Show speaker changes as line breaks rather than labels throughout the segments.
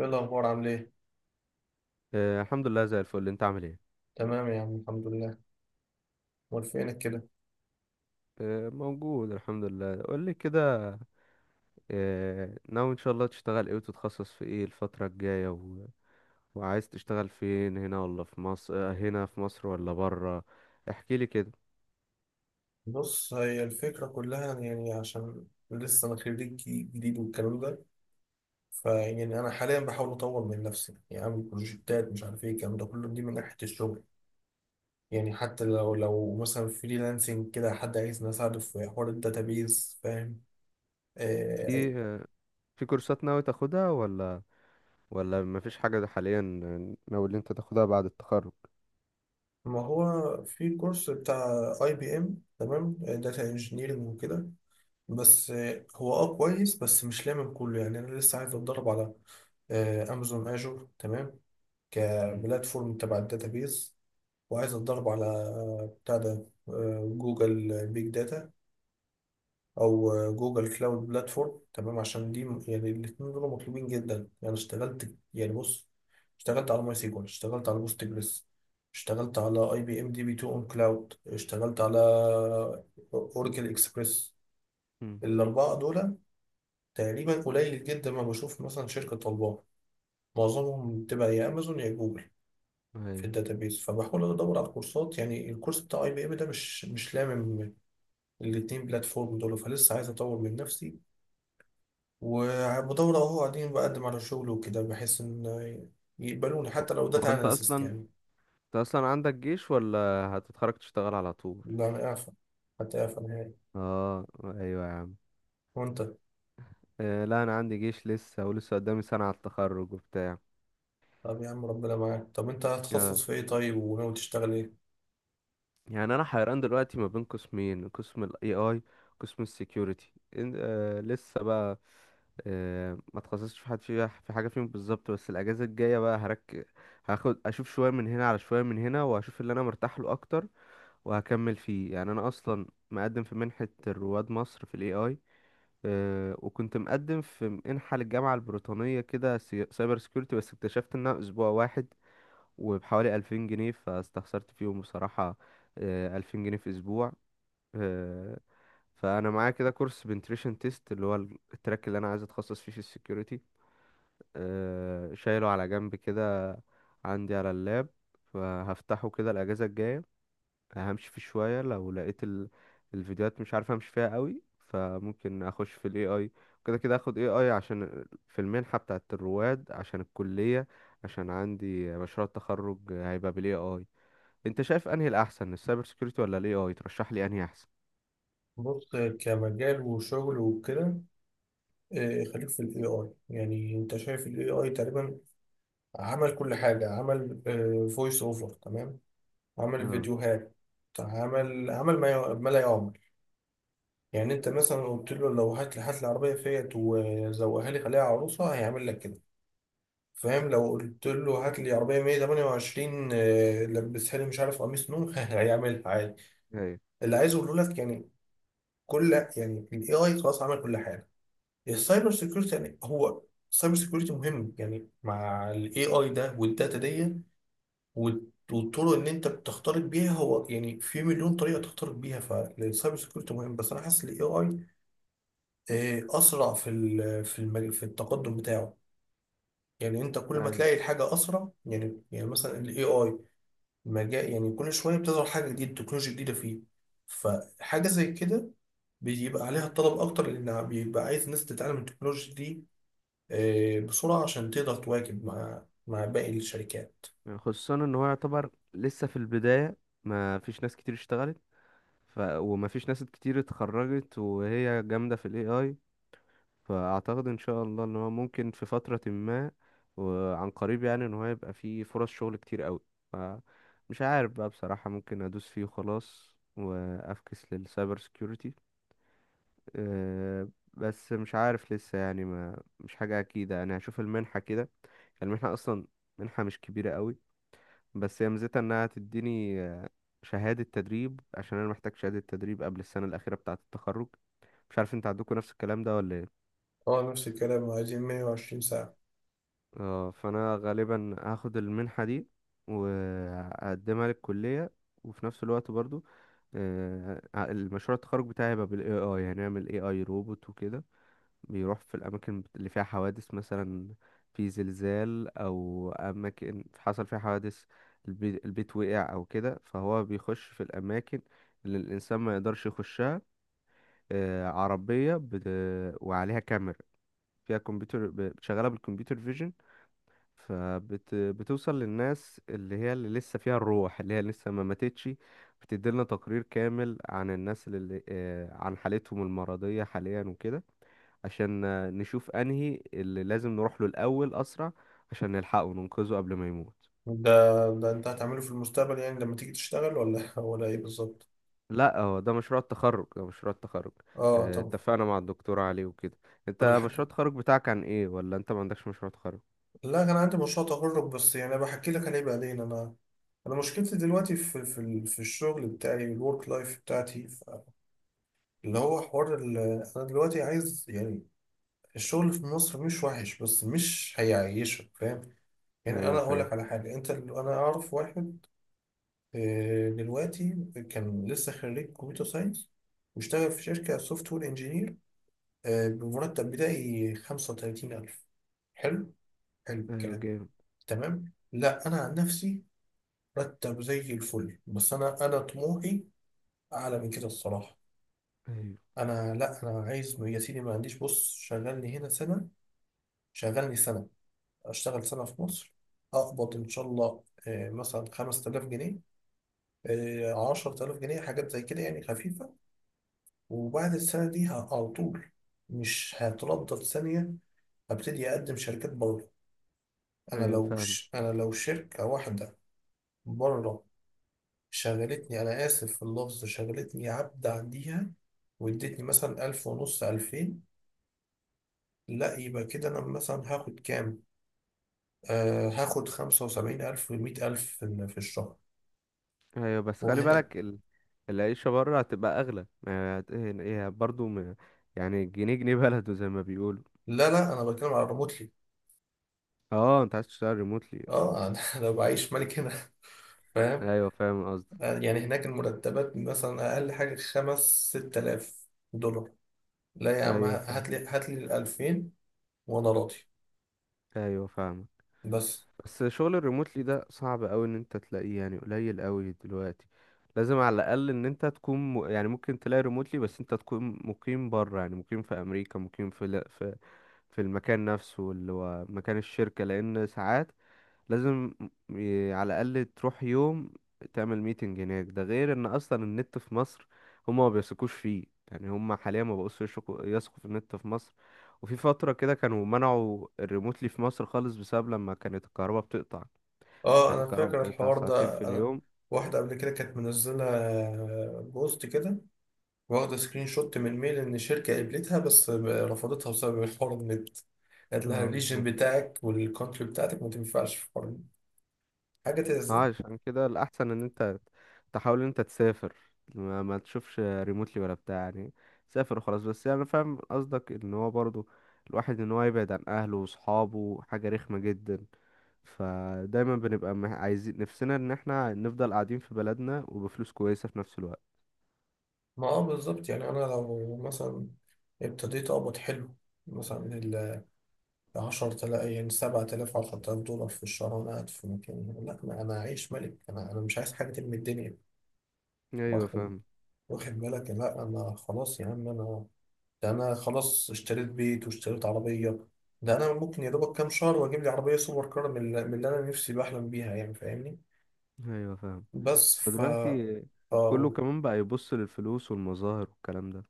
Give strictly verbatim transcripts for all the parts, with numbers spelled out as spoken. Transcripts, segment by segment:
ايه الأخبار عامل ايه؟
آه، الحمد لله زي الفل، انت عامل ايه؟
تمام يا عم الحمد لله، أمال فينك كده؟
آه، موجود الحمد لله. قول لي كده. آه، ناوي ان شاء الله تشتغل ايه وتتخصص في ايه الفترة الجاية و... وعايز تشتغل فين، هنا ولا في مصر، آه، هنا في مصر ولا برا؟ احكي لي كده.
بص، هي الفكرة كلها يعني عشان لسه أنا خريج جديد والكلام ده. فيعني أنا حاليا بحاول أطور من نفسي، يعني أعمل بروجكتات مش عارف ايه الكلام ده كله. دي من ناحية الشغل، يعني حتى لو لو مثلا فريلانسنج كده حد عايزني أساعده في حوار الداتابيز. فاهم؟ آه.
في آه، في كورسات ناوي تاخدها، ولا ولا مفيش حاجة حاليا ناوي اللي انت تاخدها بعد التخرج؟
ما هو في كورس بتاع اي بي ام، تمام، داتا انجينيرنج وكده. بس آه، هو اه كويس، بس مش لامم كله. يعني انا لسه عايز اتدرب على آه، امازون اجور، تمام،
مم.
كبلاتفورم تبع الداتابيز. وعايز اتدرب على آه، بتاع ده آه، جوجل بيج داتا او آه، جوجل كلاود بلاتفورم، تمام، عشان دي م- يعني الاثنين دول مطلوبين جدا. يعني اشتغلت، يعني، بص، اشتغلت على ماي سيكوال، اشتغلت على بوست جريس، اشتغلت على اي بي ام دي بي اتنين اون كلاود، اشتغلت على اوراكل اكسبريس.
مم.
الاربعه دول تقريبا قليل جدا ما بشوف مثلا شركة طالباه، معظمهم بتبقى يا امازون يا جوجل في
ايوه.
الداتابيز. فبحاول ادور على الكورسات. يعني الكورس بتاع اي بي ام ده مش مش لامم الاتنين بلاتفورم دول، فلسه عايز اطور من نفسي وبدور. اهو قاعدين بقدم على شغل وكده بحيث ان يقبلوني
هو
حتى لو
هو
داتا
انت اصلا
اناليست يعني.
انت اصلا عندك جيش، ولا هتتخرج تشتغل على طول؟
لا انا اعفى، حتى اعفى نهائي.
اه، ايوه يا عم.
وانت؟
آه، لا، انا عندي جيش لسه، ولسه قدامي سنة على التخرج وبتاع.
طب يا عم ربنا معاك، طب انت
آه،
هتخصص في ايه طيب وناوي تشتغل ايه؟
يعني انا حيران دلوقتي ما بين قسمين، قسم الاي اي وقسم السكيورتي. آه لسه بقى آه، ما تخصصتش في حد فيها، في حاجة فيهم بالظبط، بس الاجازة الجاية بقى هرك هاخد اشوف شوية من هنا على شوية من هنا، واشوف اللي انا مرتاح له اكتر وهكمل فيه. يعني انا اصلا مقدم في منحة رواد مصر في الاي اي. آه، وكنت مقدم في منحة للجامعة البريطانية كده سي- سايبر سكيورتي، بس اكتشفت انها اسبوع واحد وبحوالي ألفين جنيه، فاستخسرت فيهم بصراحة. آه، ألفين جنيه في أسبوع! آه، فأنا معايا كده كورس بنتريشن تيست، اللي هو التراك اللي أنا عايز أتخصص فيه في السكيورتي. آه، شايله على جنب كده، عندي على اللاب. فهفتحه كده الأجازة الجاية، همشي فيه شوية. لو لقيت ال... الفيديوهات مش عارف أمشي فيها قوي، فممكن أخش في ال إيه آي. كده كده أخد إيه آي عشان في المنحة بتاعة الرواد، عشان الكلية، عشان عندي مشروع التخرج هيبقى بال إيه آي. انت شايف انهي الاحسن، السايبر سيكيورتي ولا الاي اي؟ ترشح لي انهي احسن.
بص، كمجال وشغل وكده، آه، خليك في الاي اي. يعني انت شايف الاي اي تقريبا عمل كل حاجه، عمل فويس اوفر، تمام، عمل
اه.
فيديوهات، عمل عمل ما ي- ما لا يعمل. يعني انت مثلا قلت له لو هات لي هات لي عربيه فيات وزوقها لي خليها عروسه، هيعمل لك كده. فاهم؟ لو قلت له هات لي عربيه مائة وثمانية وعشرين، آه، لبسها لي مش عارف قميص نوم هيعملها عادي.
ايوه.
اللي عايز اقوله لك يعني، كل، يعني الاي اي خلاص عمل كل حاجه. السايبر سيكيورتي يعني، هو السايبر سيكيورتي مهم يعني مع الاي اي ده والداتا دي وال- والطرق اللي انت بتختلط بيها، هو يعني في مليون طريقه تختلط بيها. فالسايبر سيكيورتي مهم، بس انا حاسس الاي اي اسرع في ال- في المج- في التقدم بتاعه. يعني انت كل ما
أيوة.
تلاقي الحاجه اسرع، يعني يعني مثلا الاي اي مجال يعني كل شويه بتظهر حاجه جديده، تكنولوجيا جديده فيه. فحاجه زي كده بيبقى عليها طلب اكتر، لان بيبقى عايز ناس تتعلم التكنولوجيا دي آه، بسرعة عشان تقدر تواكب مع مع باقي الشركات.
خصوصا ان هو يعتبر لسه في البداية، ما فيش ناس كتير اشتغلت. ف... وما فيش ناس كتير اتخرجت وهي جامدة في الاي اي. فاعتقد ان شاء الله ان هو ممكن في فترة ما وعن قريب، يعني ان هو يبقى فيه فرص شغل كتير قوي. ف... مش عارف بقى بصراحة، ممكن ادوس فيه وخلاص وافكس للسايبر سيكيورتي. آه، بس مش عارف لسه، يعني ما مش حاجة أكيدة. أنا هشوف المنحة كده. المنحة أصلا منحة مش كبيرة قوي، بس هي ميزتها إنها تديني آه، شهادة تدريب، عشان أنا محتاج شهادة تدريب قبل السنة الأخيرة بتاعة التخرج. مش عارف أنت عندكم نفس الكلام ده ولا إيه؟
اه، نفس الكلام، عايزين 120 ساعة.
اه، فأنا غالبا هاخد المنحة دي وهقدمها للكلية. وفي نفس الوقت برضو، آه، المشروع التخرج بتاعي هيبقى بال A I. هنعمل A I روبوت وكده، بيروح في الأماكن بت- اللي فيها حوادث، مثلا في زلزال أو أماكن حصل فيها حوادث، البي- البيت وقع أو كده، فهو بيخش في الأماكن اللي الإنسان ما يقدرش يخشها. آه، عربية بت... وعليها كاميرا، فيها كمبيوتر ب- شغالة بالكمبيوتر فيجن، فبتوصل للناس اللي هي اللي لسه فيها الروح، اللي هي لسه ما ماتتش. بتديلنا تقرير كامل عن الناس اللي آه، عن حالتهم المرضية حاليا وكده، عشان آه، نشوف انهي اللي لازم نروح له الاول اسرع، عشان نلحقه وننقذه قبل ما يموت.
ده ده انت هتعمله في المستقبل يعني لما تيجي تشتغل، ولا ولا ايه بالظبط؟
لا، هو ده مشروع التخرج، ده مشروع التخرج.
اه
آه،
طب.
اتفقنا مع الدكتور عليه وكده.
طب
انت مشروع
الحاجة،
التخرج بتاعك عن ايه، ولا انت ما عندكش مشروع تخرج؟
لا كان عندي مشروع تخرج بس يعني انا بحكي لك عليه بعدين. انا انا مشكلتي دلوقتي في في ال- في الشغل بتاعي، الورك لايف بتاعتي. ف- اللي هو حوار ال- انا دلوقتي عايز يعني، الشغل في مصر مش وحش بس مش هيعيشك. فاهم؟ يعني انا
ايوه،
اقول
فاهم.
لك على حاجة، انت انا اعرف واحد آه، دلوقتي كان لسه خريج كمبيوتر ساينس واشتغل في شركة سوفت وير انجينير بمرتب بدائي خمسة وثلاثين ألف. حلو، حلو
ايوه،
الكلام.
جامد.
تمام. لا أنا عن نفسي مرتب زي الفل، بس أنا أنا طموحي أعلى من كده الصراحة.
ايوه.
أنا، لا، أنا عايز يا سيدي، ما عنديش. بص، شغلني هنا سنة، شغلني سنة، أشتغل سنة في مصر، أقبض إن شاء الله آه، مثلا خمسة آلاف جنيه، آه، عشرة آلاف جنيه، حاجات زي كده يعني خفيفة. وبعد السنة دي ه- على طول، مش هتردد ثانية، هبتدي أقدم شركات بره. أنا
ايوه،
لو
فاهم.
ش... أنا لو شركة واحدة بره شغلتني، أنا آسف في اللفظ، شغلتني عبد عنديها وادتني مثلا ألف ونص، ألفين، لا يبقى كده. أنا مثلا هاخد كام؟ آه، هاخد خمسة وسبعين ألف ومية ألف في ال- في الشهر.
ايوه، بس خلي
وهنا.
بالك ال... العيشة بره هتبقى اغلى، ما هت- ايه إيه، برضو م... يعني الجنيه جنيه بلده زي ما بيقولوا.
لا لا أنا بتكلم على ريموتلي.
اه، انت عايز تشتغل ريموتلي؟
اه انا أنا بعيش ملك هنا، فاهم؟
ايوه، فاهم قصدي.
يعني هناك المرتبات مثلا أقل حاجة خمس، ست آلاف دولار. لا يا عم،
ايوه، فاهم.
هات لي هات لي الألفين وأنا راضي،
ايوه، فاهم.
بس.
بس شغل الريموتلي ده صعب قوي ان انت تلاقيه، يعني قليل قوي دلوقتي. لازم على الاقل ان انت تكون م... يعني ممكن تلاقي ريموتلي، بس انت تكون مقيم بره، يعني مقيم في امريكا، مقيم في ال- في في المكان نفسه اللي هو مكان الشركة، لان ساعات لازم ي- على الاقل تروح يوم تعمل ميتنج هناك. ده غير ان اصلا النت في مصر هما ما بيثقوش فيه، يعني هما حاليا ما بقوش يثقوا يثقوا في النت في مصر. وفي فترة كده كانوا منعوا الريموتلي في مصر خالص، بسبب لما كانت الكهرباء بتقطع.
اه،
كانت
أنا
الكهرباء
فاكر
بتقطع
الحوار
ساعتين
ده.
في
أنا
اليوم.
واحدة قبل كده كانت منزلة بوست كده، واخدة سكرين شوت من ميل إن شركة قبلتها بس رفضتها بسبب الحوار النت، قالت لها
اه،
الريجن
بالظبط.
بتاعك والكونتري بتاعتك ما تنفعش في حوار النت. حاجة تأذن.
عشان كده الأحسن إن أنت تحاول إن أنت تسافر. ما, ما تشوفش ريموتلي ولا بتاع، يعني سافر وخلاص. بس يعني أنا فاهم قصدك إن هو برضو الواحد إن هو يبعد عن أهله وصحابه حاجة رخمة جدا، فدايما بنبقى مح- عايزين نفسنا إن احنا نفضل قاعدين في بلدنا وبفلوس كويسة في نفس الوقت.
ما اه، بالظبط. يعني أنا لو مثلا ابتديت أقبض حلو مثلا عشرة آلاف، يعني سبعة آلاف، عشرة آلاف دولار في الشهر، وأنا قاعد في مكاني، لا ما أنا عايش ملك. أنا أنا مش عايز حاجة من الدنيا.
أيوة،
واخد،
فاهم.
واخد بالك. لا أنا خلاص يا عم، أنا، ده أنا خلاص اشتريت بيت واشتريت عربية. ده أنا ممكن يا دوبك كام شهر وأجيب لي عربية سوبر كار من اللي من اللي أنا نفسي بحلم بيها، يعني فاهمني؟
أيوة، فاهم.
بس، ف
ودلوقتي
ف-
كله كمان بقى يبص للفلوس والمظاهر والكلام ده.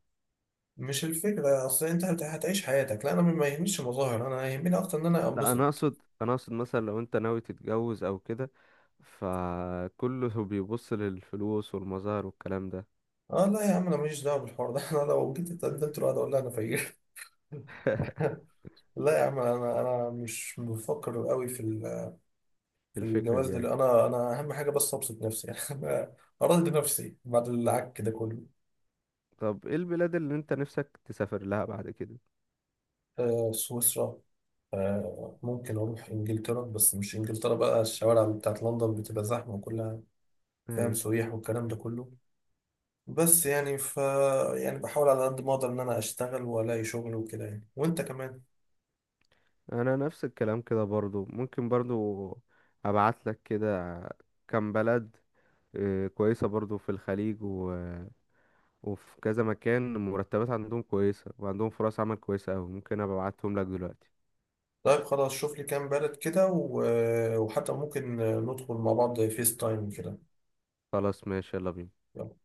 مش الفكرة، أصل أنت هت- هتعيش حياتك. لا أنا ما يهمنيش المظاهر، أنا يهمني أكتر إن أنا
لا، انا
أنبسط.
اقصد انا اقصد مثلا لو انت ناوي تتجوز او كده، فكله بيبص للفلوس والمظاهر والكلام ده.
اه لا يا عم، انا ماليش دعوه بالحوار ده انا لو جيت اتقدمت لواحد اقول لها انا فقير. لا يا عم، انا انا مش بفكر قوي في ال- في
الفكرة دي،
الجواز
ايوه.
ده. انا انا اهم حاجه بس ابسط نفسي، يعني انا ارضي نفسي بعد العك ده كله.
طب، ايه البلاد اللي انت نفسك تسافر لها بعد كده؟
آه، سويسرا. آه، ممكن اروح انجلترا، بس مش انجلترا بقى، الشوارع بتاعت لندن بتبقى زحمه وكلها فاهم،
ايوه،
سياح والكلام ده كله. بس يعني، ف يعني بحاول على قد ما اقدر ان انا اشتغل والاقي شغل وكده يعني، وانت كمان.
انا نفس الكلام كده برضو. ممكن برضو ابعت لك كده كام بلد، آه، كويسة برضو، في الخليج و... وفي كذا مكان مرتبات عندهم كويسة وعندهم فرص عمل كويسة أوي. ممكن أبقى أبعتهم لك دلوقتي.
طيب خلاص شوف لي كام بلد كده و... وحتى ممكن ندخل مع بعض فيس تايم كده.
خلاص، ماشي، يلا بينا.
يلا.